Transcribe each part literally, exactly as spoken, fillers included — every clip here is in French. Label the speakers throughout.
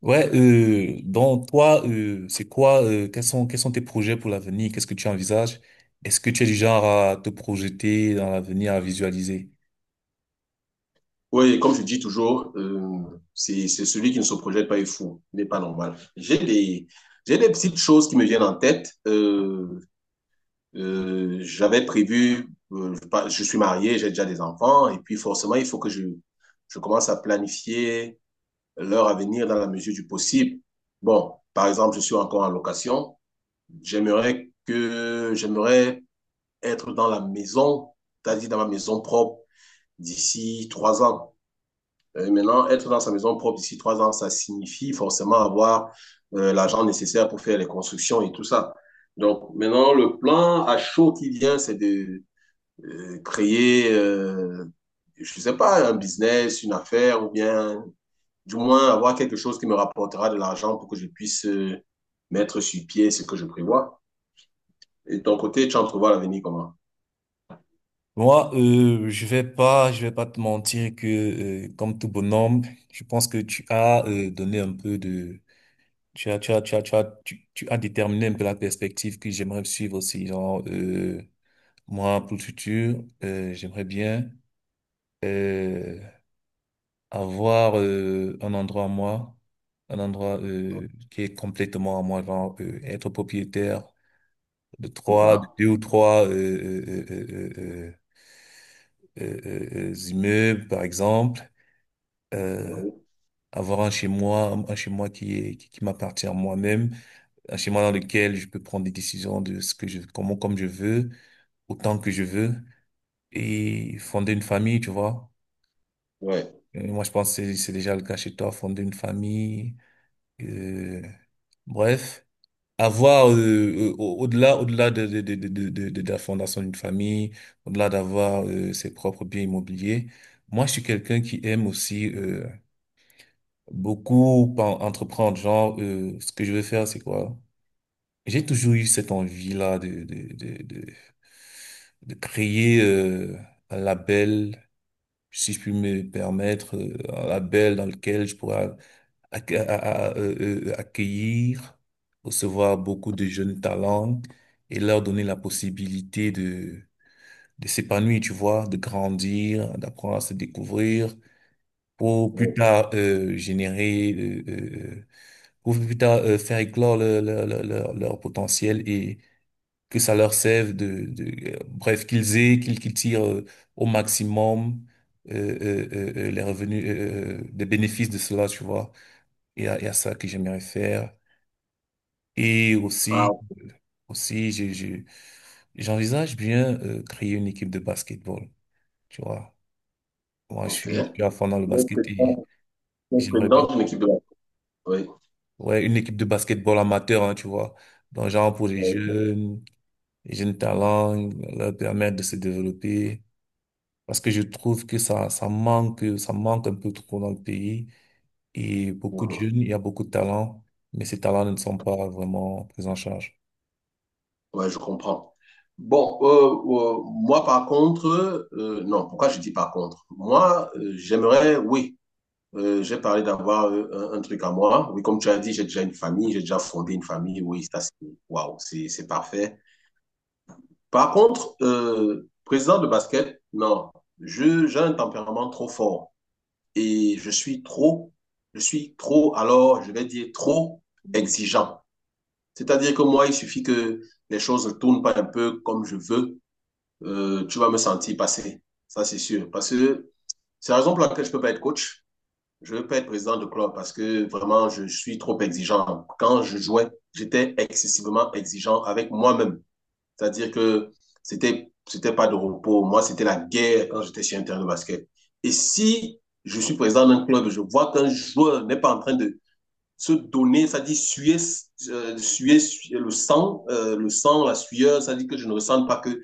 Speaker 1: Ouais, euh, donc toi, euh, c'est quoi, euh, quels sont, quels sont tes projets pour l'avenir? Qu'est-ce que tu envisages? Est-ce que tu es du genre à te projeter dans l'avenir, à visualiser?
Speaker 2: Oui, comme je dis toujours, euh, c'est c'est celui qui ne se projette pas est fou, il n'est pas normal. J'ai des, j'ai des petites choses qui me viennent en tête. Euh, euh, j'avais prévu, euh, je pas- je suis marié, j'ai déjà des enfants, et puis forcément, il faut que je, je commence à planifier leur avenir dans la mesure du possible. Bon, par exemple, je suis encore en location. J'aimerais que, j'aimerais être dans la maison, c'est-à-dire dans ma maison propre d'ici trois ans. Euh, maintenant, être dans sa maison propre d'ici trois ans, ça signifie forcément avoir euh, l'argent nécessaire pour faire les constructions et tout ça. Donc maintenant, le plan à chaud qui vient, c'est de euh, créer, euh, je sais pas, un business, une affaire, ou bien du moins avoir quelque chose qui me rapportera de l'argent pour que je puisse euh, mettre sur pied ce que je prévois. Et de ton côté, tu entrevois l'avenir comment?
Speaker 1: Moi, euh, je vais pas, je vais pas te mentir que, euh, comme tout bonhomme, je pense que tu as euh, donné un peu de, tu as, tu as, tu as, tu as, tu, tu as déterminé un peu la perspective que j'aimerais suivre aussi. Genre, euh, moi, pour le futur, euh, j'aimerais bien. euh, avoir euh, un endroit à moi, un endroit euh, qui est complètement à moi, genre euh, être propriétaire de
Speaker 2: C'est
Speaker 1: trois, de
Speaker 2: ça.
Speaker 1: deux ou trois euh, euh, euh, euh, euh, euh, euh, euh, immeubles, par exemple. Euh,
Speaker 2: Oui.
Speaker 1: avoir un chez moi, un un chez moi qui est, qui, qui m'appartient à moi-même, un chez moi dans lequel je peux prendre des décisions de ce que je, comment, comme je veux, autant que je veux, et fonder une famille, tu vois.
Speaker 2: Ouais.
Speaker 1: Euh, Moi, je pense que c'est c'est déjà le cas chez toi, fonder une famille. Euh, bref, avoir euh, euh, au- au-delà, au-delà de, de, de, de, de, de- de la fondation d'une famille, au-delà d'avoir euh, ses propres biens immobiliers, moi je suis quelqu'un qui aime aussi euh, beaucoup pen- entreprendre. Genre, euh, ce que je veux faire, c'est quoi? J'ai toujours eu cette envie-là de, de, de, de, de créer euh, un label, si je puis me permettre, euh, un label dans lequel je pourrais acc- à- à- à, euh, euh, accueillir, recevoir beaucoup de jeunes talents et leur donner la possibilité de, de s'épanouir, tu vois, de grandir, d'apprendre à se découvrir pour plus
Speaker 2: Ouais.
Speaker 1: tard euh, générer, euh, euh, euh, pour plus tard euh, faire éclore leur, leur, leur, leur- leur potentiel et que ça leur serve de, de euh, bref, qu'ils aient, qu'ils qu'ils tirent euh, au maximum euh, euh, euh, euh, les revenus, euh, euh, des bénéfices de cela, tu vois. Et à, et à ça que j'aimerais faire. Et
Speaker 2: Ah,
Speaker 1: aussi, aussi, je, je, j'envisage bien euh, créer une équipe de basketball. Tu vois, moi, je
Speaker 2: ok.
Speaker 1: suis, je suis à fond dans le
Speaker 2: Donc,
Speaker 1: basket
Speaker 2: c'est ça,
Speaker 1: et
Speaker 2: c'est le
Speaker 1: j'aimerais bien.
Speaker 2: président d'une équipe de la... Oui.
Speaker 1: Ouais, une équipe de basketball amateur, hein, tu vois. Donc, genre pour les
Speaker 2: Ouais.
Speaker 1: jeunes, les jeunes talents, leur permettre de se développer. Parce que je trouve que ça, ça manque, ça manque un peu trop dans le pays. Et beaucoup de
Speaker 2: Mhm.
Speaker 1: jeunes, il y a beaucoup de talents, mais ces talents ne sont pas vraiment pris en charge.
Speaker 2: Ouais, je comprends. Bon, euh, euh, moi par contre, euh, non, pourquoi je dis par contre? Moi, euh, j'aimerais, oui, euh, j'ai parlé d'avoir euh, un, un truc à moi. Oui, comme tu as dit, j'ai déjà une famille, j'ai déjà fondé une famille. Oui, ça c'est, waouh, c'est, c'est parfait. Par contre, euh, président de basket, non, je, j'ai un tempérament trop fort et je suis trop, je suis trop, alors je vais dire trop exigeant. C'est-à-dire que moi, il suffit que les choses ne tournent pas un peu comme je veux, euh, tu vas me sentir passer. Ça, c'est sûr. Parce que c'est la raison pour laquelle je ne peux pas être coach. Je ne veux pas être président de club parce que vraiment, je suis trop exigeant. Quand je jouais, j'étais excessivement exigeant avec moi-même. C'est-à-dire que c'était c'était pas de repos. Moi, c'était la guerre quand j'étais sur un terrain de basket. Et si je suis président d'un club, je vois qu'un joueur n'est pas en train de se donner, ça dit suer, euh, suer, suer le sang, euh, le sang, la sueur, ça dit que je ne ressens pas que,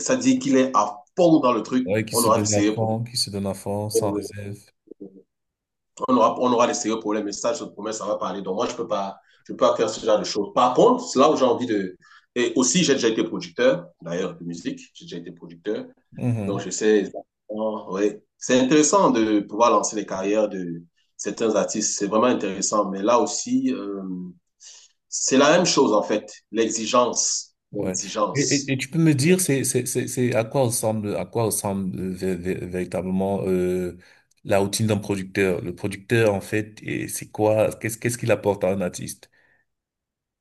Speaker 2: ça dit qu'il est à fond dans le truc,
Speaker 1: Ouais, qui
Speaker 2: on
Speaker 1: se
Speaker 2: aura de
Speaker 1: donnent à
Speaker 2: sérieux problèmes.
Speaker 1: fond, qui se donnent à fond, sans réserve.
Speaker 2: On aura, on aura de sérieux problèmes, et ça, je te promets, ça va parler. Donc, moi, je peux pas, je peux pas faire ce genre de choses. Par contre, c'est là où j'ai envie de, et aussi, j'ai déjà été producteur, d'ailleurs, de musique, j'ai déjà été producteur. Donc,
Speaker 1: Mhm.
Speaker 2: je sais exactement, oui. C'est intéressant de pouvoir lancer les carrières de certains artistes. C'est vraiment intéressant. Mais là aussi, euh, c'est la même chose, en fait. L'exigence.
Speaker 1: Ouais. Et, et,
Speaker 2: L'exigence.
Speaker 1: et tu peux me dire, c'est, c'est, c'est, c'est à quoi ressemble, à quoi ressemble euh, vé- vé- véritablement euh, la routine d'un producteur? Le producteur, en fait, et c'est quoi, qu'est-ce, qu'est-ce qu'il apporte à un artiste?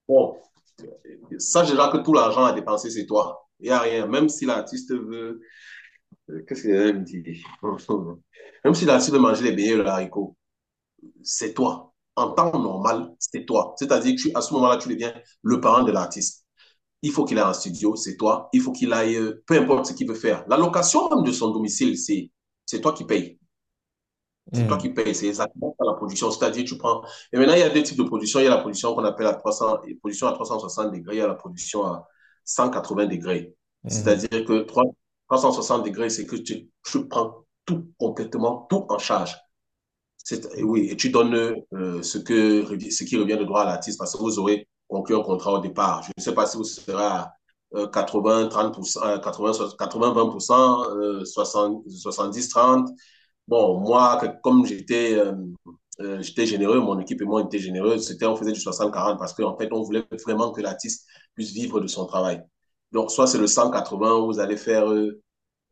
Speaker 2: Bon, sache déjà que tout l'argent à dépenser, c'est toi. Il n'y a rien. Même si l'artiste veut. euh, Qu'est-ce qu'il allait me dire? Même si l'artiste veut manger les beignets et le haricot, c'est toi. En temps normal, c'est toi. C'est-à-dire que tu- à ce moment-là, tu deviens le parent de l'artiste. Il faut qu'il aille en studio, c'est toi. Il faut qu'il aille, euh, peu importe ce qu'il veut faire. La location même de son domicile, c'est, c'est toi qui payes. C'est toi
Speaker 1: Mhm,
Speaker 2: qui payes. C'est exactement la production. C'est-à-dire, tu prends. Et maintenant, il y a deux types de production. Il y a la production qu'on appelle à trois cents, production à trois cent soixante degrés. Il y a la production à cent quatre-vingts degrés.
Speaker 1: mhm.
Speaker 2: C'est-à-dire que trois, trois cent soixante degrés, c'est que tu, tu prends tout complètement, tout en charge oui, et tu donnes euh, ce que, ce qui revient de droit à l'artiste parce que vous aurez conclu un contrat au départ. Je ne sais pas si vous serez à euh, quatre-vingts, trente pour cent, quatre-vingts quatre-vingts vingt pour cent, euh, soixante, soixante-dix, trente. Bon, moi, comme j'étais, euh, euh, j'étais généreux, mon équipe et moi étaient généreux, c'était, on faisait du soixante, quarante parce qu'en fait, on voulait vraiment que l'artiste puisse vivre de son travail. Donc, soit c'est le cent quatre-vingts où vous allez faire euh,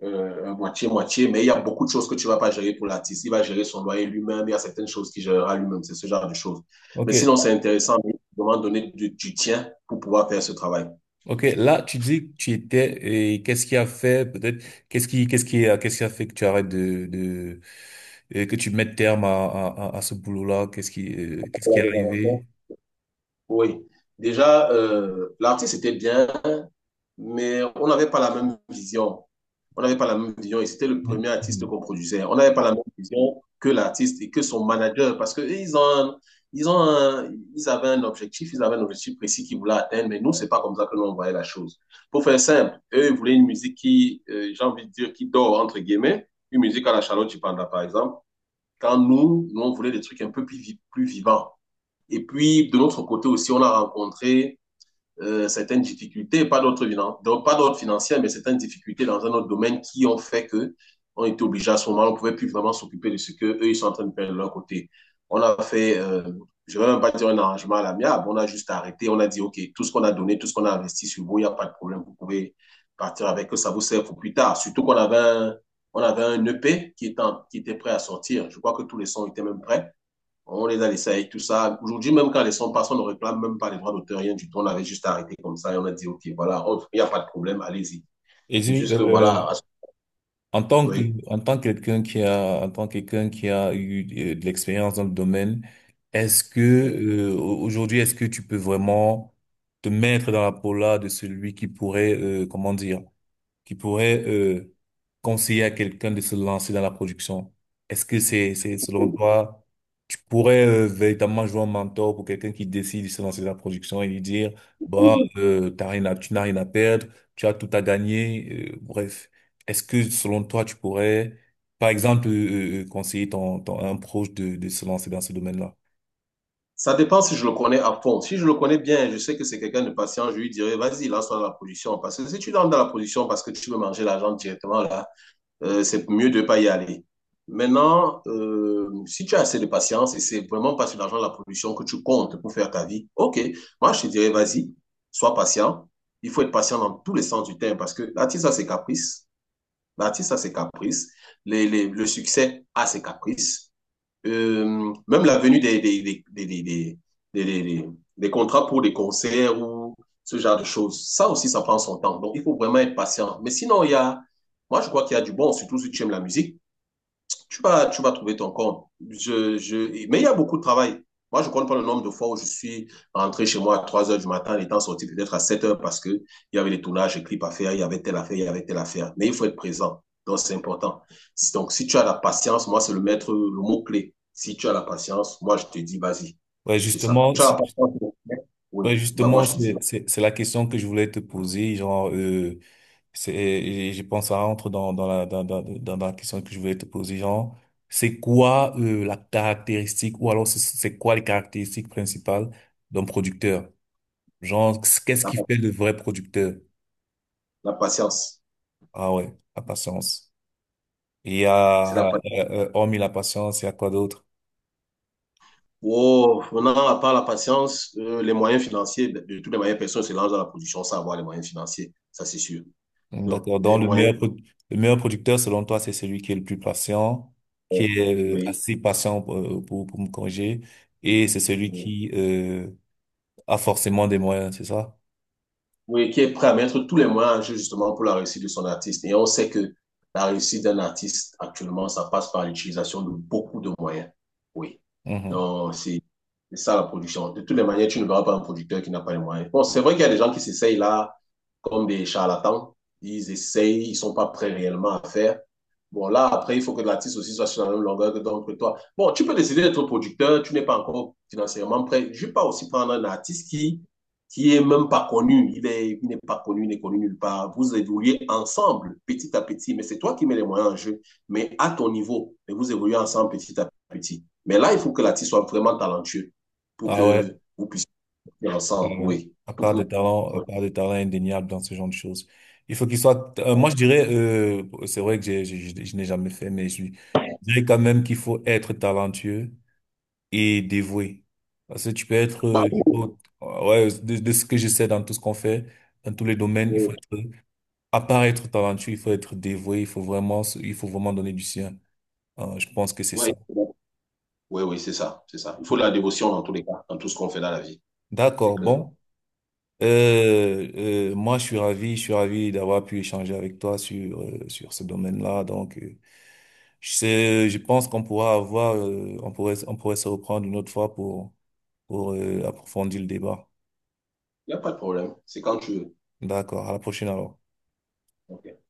Speaker 2: euh, moitié-moitié, mais il y a beaucoup de choses que tu ne vas pas gérer pour l'artiste. Il va gérer son loyer lui-même, il y a certaines choses qu'il gérera lui-même, c'est ce genre de choses.
Speaker 1: Ok,
Speaker 2: Mais sinon, c'est intéressant, mais il faut donner du, du tien pour pouvoir faire ce travail.
Speaker 1: ok. Là, tu dis que tu étais et qu'est-ce qui a fait peut-être qu'est-ce qui qu'est-ce qui a qu'est-ce qui a fait que tu arrêtes de de et que tu mettes terme à à à à ce boulot-là? Qu'est-ce qui euh, qu'est-ce qui est arrivé?
Speaker 2: Oui. Déjà, euh, l'artiste était bien, mais on n'avait pas la même vision. On n'avait pas la même vision et c'était le premier artiste
Speaker 1: Mhm.
Speaker 2: qu'on produisait. On n'avait pas la même vision que l'artiste et que son manager parce qu'ils ont, ils ont un- ils avaient un objectif, ils avaient un objectif précis qu'ils voulaient atteindre, mais nous, c'est pas comme ça que nous, on voyait la chose. Pour faire simple, eux, ils voulaient une musique qui, euh, j'ai envie de dire, qui dort, entre guillemets, une musique à la Charlotte Chipanda, par exemple. Quand nous, nous, on voulait des trucs un peu plus, plus vivants. Et puis, de notre côté aussi, on a rencontré euh, certaines difficultés, pas d'autres donc pas d'autres financières, mais certaines difficultés dans un autre domaine qui ont fait que on était obligé à ce moment, on ne pouvait plus vraiment s'occuper de ce que eux ils sont en train de faire de leur côté. On a fait, euh, je ne vais même pas dire un arrangement à l'amiable, on a juste arrêté, on a dit ok, tout ce qu'on a donné, tout ce qu'on a investi sur vous, il n'y a pas de problème, vous pouvez partir avec eux, ça vous sert pour plus tard. Surtout qu'on avait un, on avait un E P qui était, en, qui était prêt à sortir. Je crois que tous les sons étaient même prêts. On les a laissés avec tout ça. Aujourd'hui, même quand les sons passent, on ne réclame même pas les droits d'auteur, rien du tout. On avait juste arrêté comme ça et on a dit, OK, voilà, il n'y a pas de problème, allez-y.
Speaker 1: Et
Speaker 2: C'est
Speaker 1: dis,
Speaker 2: juste que, voilà,
Speaker 1: en tant que,
Speaker 2: oui.
Speaker 1: en tant que quelqu'un qui a, en tant que quelqu'un qui a eu euh, de l'expérience dans le domaine, est-ce que, euh, au- aujourd'hui, est-ce que tu peux vraiment te mettre dans la peau là de celui qui pourrait, euh, comment dire, qui pourrait euh, conseiller à quelqu'un de se lancer dans la production? Est-ce que c'est, c'est selon toi, tu pourrais euh, véritablement jouer un mentor pour quelqu'un qui décide de se lancer dans la production et lui dire, bah, euh, t'as rien à, tu n'as rien à perdre, tu as tout à gagner, euh, bref. Est-ce que selon toi, tu pourrais, par exemple, euh, euh, euh, conseiller ton, ton, un proche de, de se lancer dans ce domaine-là?
Speaker 2: Ça dépend si je le connais à fond. Si je le connais bien, je sais que c'est quelqu'un de patient, je lui dirais, vas-y, lance-toi dans la production. Parce que si tu lances dans la production parce que tu veux manger l'argent directement, là, euh, c'est mieux de ne pas y aller. Maintenant, euh, si tu as assez de patience et c'est vraiment pas sur l'argent de la production que tu comptes pour faire ta vie, ok, moi je te dirais, vas-y, sois patient. Il faut être patient dans tous les sens du terme parce que l'artiste a ses caprices, l'artiste a ses caprices, les, les, le succès a ses caprices. Euh, même la venue des, des, des, des, des, des, des- des- des- des contrats pour des concerts ou ce genre de choses, ça aussi, ça prend son temps. Donc, il faut vraiment être patient. Mais sinon, il y a, moi, je crois qu'il y a du bon, surtout si tu aimes la musique tu vas, tu vas trouver ton compte. Je, je... Mais il y a beaucoup de travail. Moi, je ne compte pas le nombre de fois où je suis rentré chez moi à trois heures du matin, étant sorti peut-être à sept heures parce qu'il y avait les tournages, les clips à faire, il y avait telle affaire, il y avait telle affaire. Mais il faut être présent. Donc, c'est important. Si, Donc, si tu as la patience, moi, c'est le maître, le mot-clé. Si tu as la patience, moi, je te dis, vas-y.
Speaker 1: Ouais,
Speaker 2: C'est ça.
Speaker 1: justement,
Speaker 2: Tu as la
Speaker 1: si-
Speaker 2: patience. Oui,
Speaker 1: ouais,
Speaker 2: bah, moi,
Speaker 1: justement,
Speaker 2: je te dis,
Speaker 1: c'est, c'est, c'est la question que je voulais te poser, genre, euh, c'est, et je pense, ça entre dans, dans la, dans, dans, dans dans la question que je voulais te poser, genre, c'est quoi euh, la caractéristique, ou alors c'est c'est quoi les caractéristiques principales d'un producteur? Genre, qu'est-ce qui
Speaker 2: la,
Speaker 1: fait le vrai producteur?
Speaker 2: la patience.
Speaker 1: Ah ouais, la patience. Il y
Speaker 2: C'est la
Speaker 1: a, euh,
Speaker 2: patience.
Speaker 1: euh, euh, hormis la patience, il y a quoi d'autre?
Speaker 2: Wow, maintenant, à part la patience, euh, les moyens financiers, de, de toutes les manières, personne ne se lance dans la production sans avoir les moyens financiers, ça c'est sûr.
Speaker 1: Hum,
Speaker 2: Donc,
Speaker 1: D'accord.
Speaker 2: des
Speaker 1: Donc, le
Speaker 2: moyens,
Speaker 1: meilleur, pro- le meilleur producteur, selon toi, c'est celui qui est le plus patient, qui est euh,
Speaker 2: oui.
Speaker 1: assez patient euh, pour, pour me corriger, et c'est celui qui euh, a forcément des moyens, c'est ça?
Speaker 2: Oui, qui est prêt à mettre tous les moyens en jeu justement pour la réussite de son artiste. Et on sait que la réussite d'un artiste actuellement, ça passe par l'utilisation de beaucoup de moyens. Oui.
Speaker 1: Mhm.
Speaker 2: Donc, c'est c'est ça la production. De toutes les manières, tu ne verras pas un producteur qui n'a pas les moyens. Bon, c'est vrai qu'il y a des gens qui s'essayent là comme des charlatans. Ils essayent, ils sont pas prêts réellement à faire. Bon, là, après, il faut que l'artiste aussi soit sur la même longueur que donc, que toi. Bon, tu peux décider d'être producteur, tu n'es pas encore financièrement prêt. Je vais pas aussi prendre un artiste qui qui est même pas connu, il est, il n'est pas connu, il n'est connu nulle part. Vous évoluez ensemble, petit à petit, mais c'est toi qui mets les moyens en jeu, mais à ton niveau, mais vous évoluez ensemble petit à petit. Mais là, il faut que l'artiste soit vraiment talentueux pour
Speaker 1: Ah ouais,
Speaker 2: que vous puissiez faire
Speaker 1: ah
Speaker 2: ensemble,
Speaker 1: ouais.
Speaker 2: oui.
Speaker 1: À
Speaker 2: Pour
Speaker 1: part des
Speaker 2: que...
Speaker 1: talents, à part des talents indéniables dans ce genre de choses. Il faut qu'il soit, euh, moi je dirais, euh, c'est vrai que j'ai, j'ai- j'ai- je n'ai jamais fait, mais je, dirais quand même qu'il faut être talentueux et dévoué. Parce que tu peux être,
Speaker 2: bah,
Speaker 1: euh, tu peux-
Speaker 2: oui,
Speaker 1: euh, ouais, de, de ce que je sais dans tout ce qu'on fait, dans tous les domaines, il faut
Speaker 2: oui,
Speaker 1: être, à part être talentueux, il faut être dévoué, il faut vraiment, se- il faut vraiment donner du sien. Euh, je pense que c'est
Speaker 2: oui,
Speaker 1: ça.
Speaker 2: oui, oui, c'est ça, c'est ça. Il faut de la dévotion dans tous les cas, dans tout ce qu'on fait dans la vie, c'est
Speaker 1: D'accord,
Speaker 2: clair.
Speaker 1: bon. Euh, euh, moi, je suis ravi, je suis ravi d'avoir pu échanger avec toi sur euh, sur ce domaine-là. Donc, euh, je sais, je pense qu'on pourra avoir, euh, on pourrait, on pourrait se reprendre une autre fois pour pour euh, approfondir le débat.
Speaker 2: Il n'y a pas de problème, c'est quand tu veux.
Speaker 1: D'accord. À la prochaine alors.
Speaker 2: Ok.